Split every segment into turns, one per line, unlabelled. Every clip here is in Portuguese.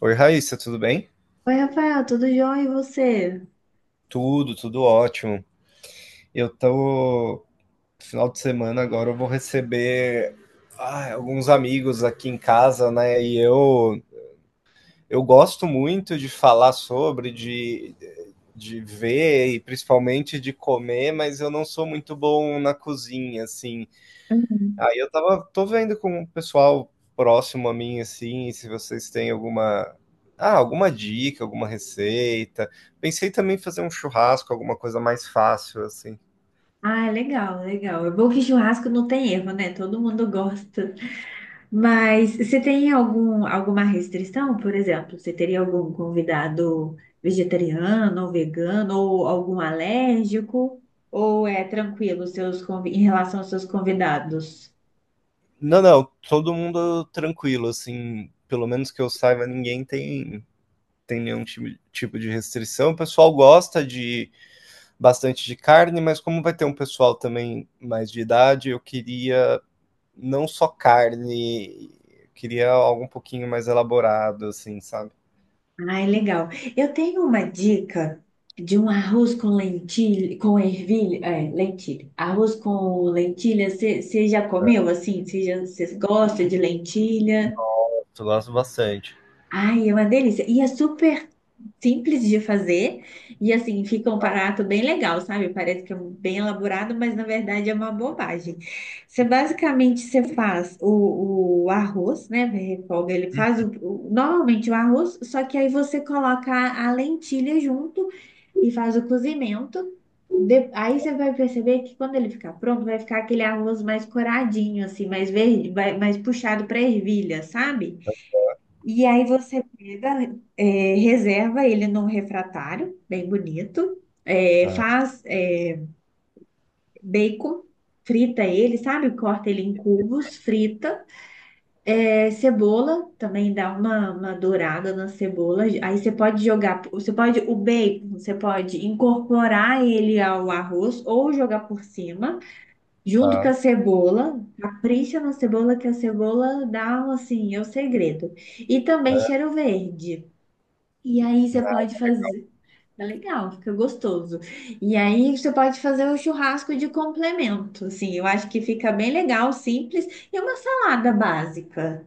Oi, Raíssa, tudo bem?
Oi, Rafael, tudo jóia e você?
Tudo, tudo ótimo. Eu tô. Final de semana agora eu vou receber alguns amigos aqui em casa, né? E eu gosto muito de falar de ver e principalmente de comer, mas eu não sou muito bom na cozinha, assim.
Uhum.
Aí eu tava tô vendo com o pessoal próximo a mim, assim, se vocês têm alguma dica, alguma receita. Pensei também em fazer um churrasco, alguma coisa mais fácil, assim.
Ah, legal, legal. É bom que churrasco não tem erro, né? Todo mundo gosta. Mas você tem alguma restrição, por exemplo? Você teria algum convidado vegetariano ou vegano ou algum alérgico? Ou é tranquilo em relação aos seus convidados?
Não, não, todo mundo tranquilo, assim, pelo menos que eu saiba, ninguém tem nenhum tipo de restrição. O pessoal gosta de bastante de carne, mas como vai ter um pessoal também mais de idade, eu queria não só carne. Queria algo um pouquinho mais elaborado, assim, sabe?
Ai, legal. Eu tenho uma dica de um arroz com lentilha, com ervilha, lentilha. Arroz com lentilha, você já comeu assim? Você gosta de lentilha?
Eu gosto bastante.
Ai, é uma delícia. E é super simples de fazer. E assim, fica um prato bem legal, sabe? Parece que é bem elaborado, mas na verdade é uma bobagem. Você basicamente você faz o arroz, né? Refoga, ele faz
Hum.
normalmente o arroz, só que aí você coloca a lentilha junto e faz o cozimento. Aí você vai perceber que quando ele ficar pronto, vai ficar aquele arroz mais coradinho, assim, mais verde, mais puxado para ervilha, sabe? E aí você pega, reserva ele num refratário, bem bonito,
Tá,
faz, bacon, frita ele, sabe? Corta ele em cubos, frita. É, cebola, também dá uma dourada na cebola. Aí você pode jogar, o bacon, você pode incorporar ele ao arroz ou jogar por cima, junto com
tá.
a cebola. Capricha na cebola, que a cebola dá, um, assim, é o segredo. E também cheiro verde. E aí você pode fazer. É legal, fica gostoso. E aí você pode fazer um churrasco de complemento, assim. Eu acho que fica bem legal, simples. E uma salada básica.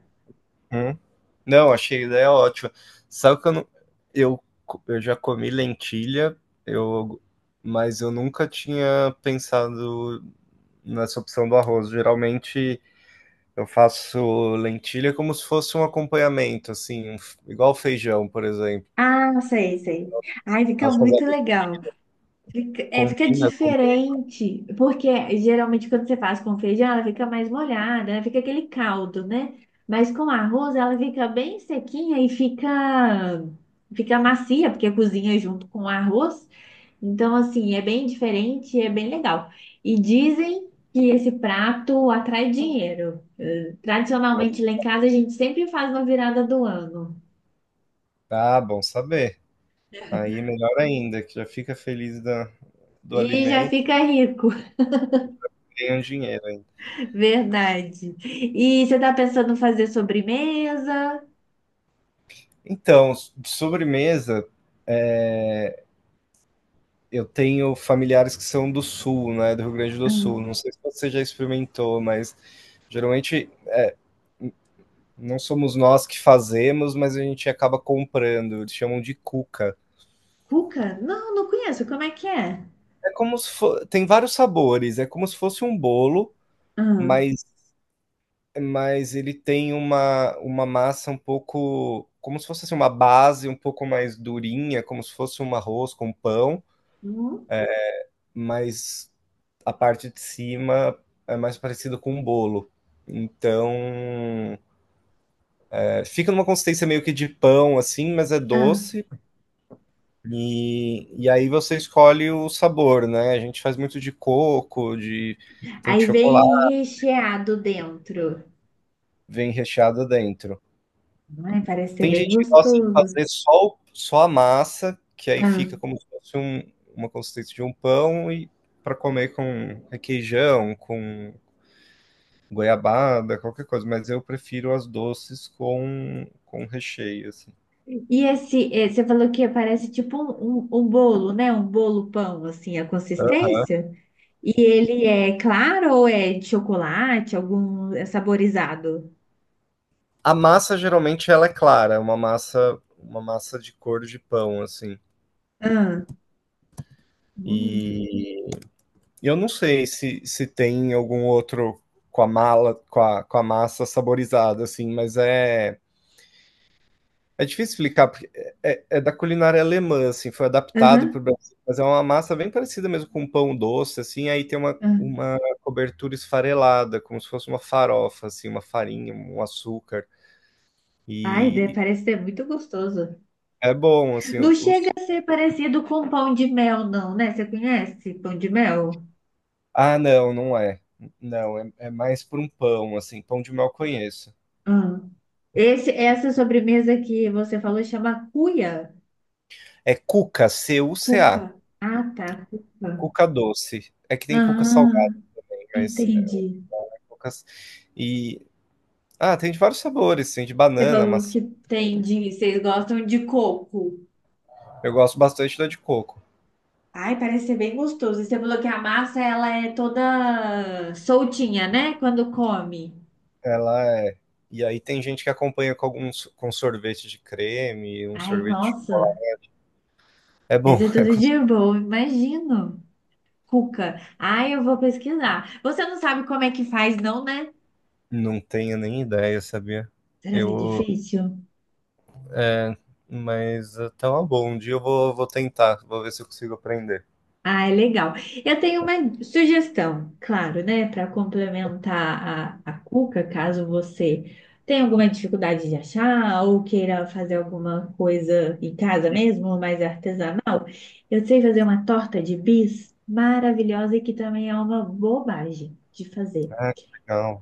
Uhum. Não, achei a ideia ótima. Sabe que eu não. Eu, eu já comi lentilha, eu, mas eu nunca tinha pensado nessa opção do arroz. Geralmente eu faço lentilha como se fosse um acompanhamento, assim, um igual feijão, por exemplo.
Ah, sei, sei. Ai, fica
Posso
muito
fazer
legal. Fica
combina com.
diferente, porque geralmente quando você faz com feijão, ela fica mais molhada, né? Fica aquele caldo, né? Mas com arroz, ela fica bem sequinha e fica macia, porque cozinha junto com o arroz. Então, assim, é bem diferente, e é bem legal. E dizem que esse prato atrai dinheiro. Tradicionalmente, lá em casa, a gente sempre faz na virada do ano.
Ah, bom saber. Aí melhor ainda, que já fica feliz da, do
E já
alimento
fica rico.
e ganha um dinheiro ainda.
Verdade. E você tá pensando em fazer sobremesa?
Então, de sobremesa, é, eu tenho familiares que são do sul, né, do Rio Grande do Sul.
Hum.
Não sei se você já experimentou, mas geralmente não somos nós que fazemos, mas a gente acaba comprando. Eles chamam de cuca.
Cuca? Não, não conheço. Como é que é?
É como se fo... tem vários sabores, é como se fosse um bolo,
Hum.
mas ele tem uma massa um pouco, como se fosse assim, uma base um pouco mais durinha, como se fosse um arroz com pão,
Hum?
mas a parte de cima é mais parecido com um bolo. Então, fica numa consistência meio que de pão, assim, mas é
Ah,
doce. E aí você escolhe o sabor, né? A gente faz muito de coco, de tem de
aí
chocolate,
vem recheado dentro.
vem recheado dentro.
Ai, parece ser
Tem
bem
gente que gosta de
gostoso.
fazer só a massa, que aí
Ah,
fica como se fosse uma consistência de um pão e para comer com requeijão, com goiabada, qualquer coisa, mas eu prefiro as doces com recheio, assim.
e esse, você falou que parece tipo um bolo, né? Um bolo pão, assim, a consistência. E ele é claro ou é de chocolate, algum é saborizado?
A massa geralmente ela é clara, é uma massa de cor de pão, assim.
Ah. Hum.
E eu não sei se, se tem algum outro com a mala, com a massa saborizada, assim, mas é é, difícil explicar, porque É da culinária alemã, assim, foi adaptado para o
Aham.
Brasil, mas é uma massa bem parecida mesmo com um pão doce, assim, aí tem uma,
Ah.
uma cobertura esfarelada, como se fosse uma farofa, assim, uma farinha, um açúcar,
Ai,
e
parece ser muito gostoso.
é bom, assim,
Não chega
os...
a ser parecido com pão de mel, não, né? Você conhece pão de mel?
Ah, não, não é. Não, é, é mais por um pão, assim, pão de mel eu conheço.
Ah. Essa sobremesa que você falou chama cuia?
É cuca, CUCA,
Cuca. Ah, tá, cuca.
cuca doce. É que tem cuca
Ah,
salgada, aí, mas é
entendi.
cuca... E... Ah, tem de vários sabores, tem de
Você
banana,
falou
maçã.
que vocês gostam de coco.
Eu gosto bastante da de coco.
Ai, parece ser bem gostoso. E você falou que a massa, ela é toda soltinha, né? Quando come.
Ela é. E aí tem gente que acompanha com alguns com sorvete de creme, um
Ai,
sorvete de chocolate.
nossa,
É
mas
bom,
é
é
tudo
gostoso.
de bom, imagino. Cuca. Ai, eu vou pesquisar. Você não sabe como é que faz, não, né?
Não tenho nem ideia, sabia?
Será que é
Eu.
difícil?
É, mas tá uma boa. Um dia eu vou, vou tentar, vou ver se eu consigo aprender.
Ah, é legal. Eu tenho uma sugestão, claro, né? Para complementar a cuca, caso você tenha alguma dificuldade de achar ou queira fazer alguma coisa em casa mesmo, mais artesanal. Eu sei fazer uma torta de bis maravilhosa e que também é uma bobagem de fazer.
Ah, que legal.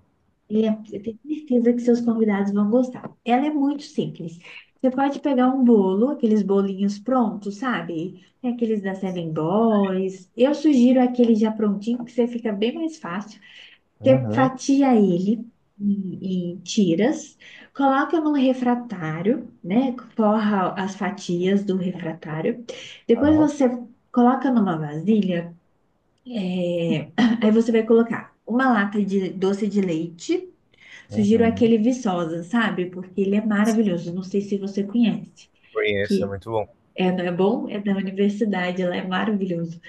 É, eu tenho certeza que seus convidados vão gostar. Ela é muito simples. Você pode pegar um bolo, aqueles bolinhos prontos, sabe? É aqueles da Seven Boys. Eu sugiro aquele já prontinho, que você fica bem mais fácil. Você
Uhum.
fatia ele em tiras, coloca no refratário, né? Forra as fatias do refratário. Depois
Tá.
você coloca numa vasilha. é, Aí você vai colocar uma lata de doce de leite. Sugiro
Uhum.
aquele Viçosa, sabe? Porque ele é maravilhoso. Não sei se você conhece.
Conheço, é
Que
muito bom.
é, não é bom? É da universidade, ela é maravilhoso.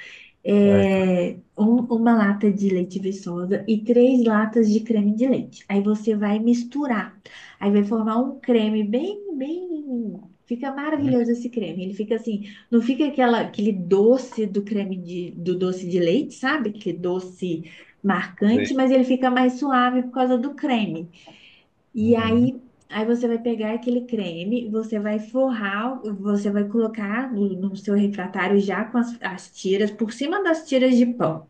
É, que-
É uma lata de leite Viçosa e três latas de creme de leite. Aí você vai misturar. Aí vai formar um creme bem, bem. Fica
uhum.
maravilhoso esse creme. Ele fica assim, não fica aquele doce do doce de leite, sabe? Aquele doce
Sei.
marcante, mas ele fica mais suave por causa do creme. E
Uhum.
aí, aí você vai pegar aquele creme, você vai forrar, você vai colocar no seu refratário já com as tiras, por cima das tiras de pão.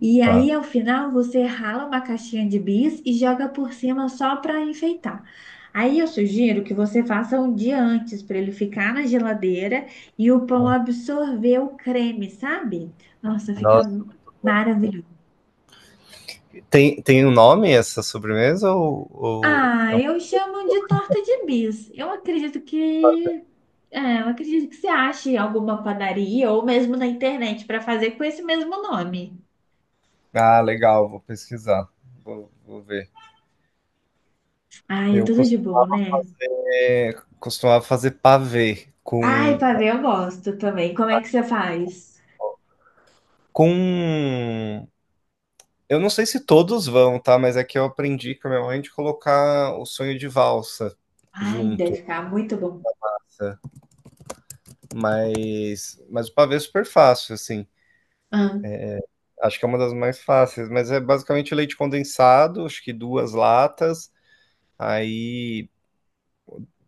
E
Tá.
aí, ao final, você rala uma caixinha de bis e joga por cima só para enfeitar. Aí eu sugiro que você faça um dia antes para ele ficar na geladeira e o pão
Uhum.
absorver o creme, sabe? Nossa, fica
Nossa,
maravilhoso.
tem um nome essa sobremesa ou
Ah, eu chamo de torta de bis. Eu acredito que. É, eu acredito que você ache alguma padaria ou mesmo na internet para fazer com esse mesmo nome.
Ah, legal, vou pesquisar. Vou ver.
Ai, é
Eu
tudo de bom,
costumava
né?
fazer pavê
Ai,
com,
pavê eu gosto também. Como é que você faz?
com. Eu não sei se todos vão, tá? Mas é que eu aprendi com a minha mãe de colocar o sonho de valsa
Ai, deve
junto,
ficar muito bom.
tá? Mas o pavê é super fácil, assim.
Ah.
Acho que é uma das mais fáceis, mas é basicamente leite condensado, acho que duas latas, aí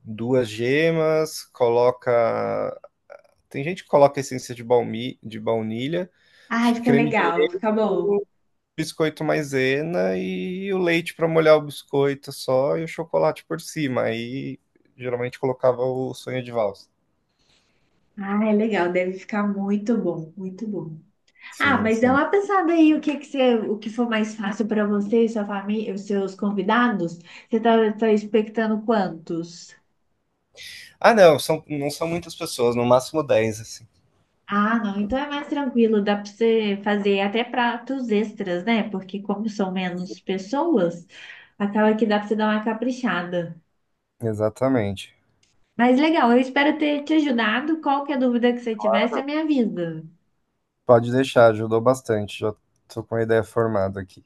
duas gemas, coloca. Tem gente que coloca essência de baunilha, acho
Ai,
que
fica
creme de
legal,
leite,
fica bom.
biscoito maisena e o leite para molhar o biscoito só e o chocolate por cima. Aí geralmente colocava o sonho de valsa.
Ai, legal, deve ficar muito bom, muito bom. Ah,
Sim,
mas dá
sim.
uma pensada aí o que que você, o que for mais fácil para você e sua família, os seus convidados. Você tá expectando quantos?
Ah, não, são, não são muitas pessoas, no máximo 10 assim.
Ah, não, então é mais tranquilo, dá para você fazer até pratos extras, né? Porque como são menos pessoas, acaba que dá para você dar uma caprichada.
Exatamente.
Mas legal, eu espero ter te ajudado. Qualquer dúvida que você tiver, você me avisa.
Pode deixar, ajudou bastante. Já tô com a ideia formada aqui.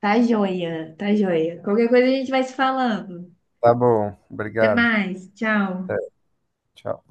Tá joia, tá joia. Qualquer coisa a gente vai se falando.
Tá bom,
Até
obrigado.
mais, tchau.
Até, tchau.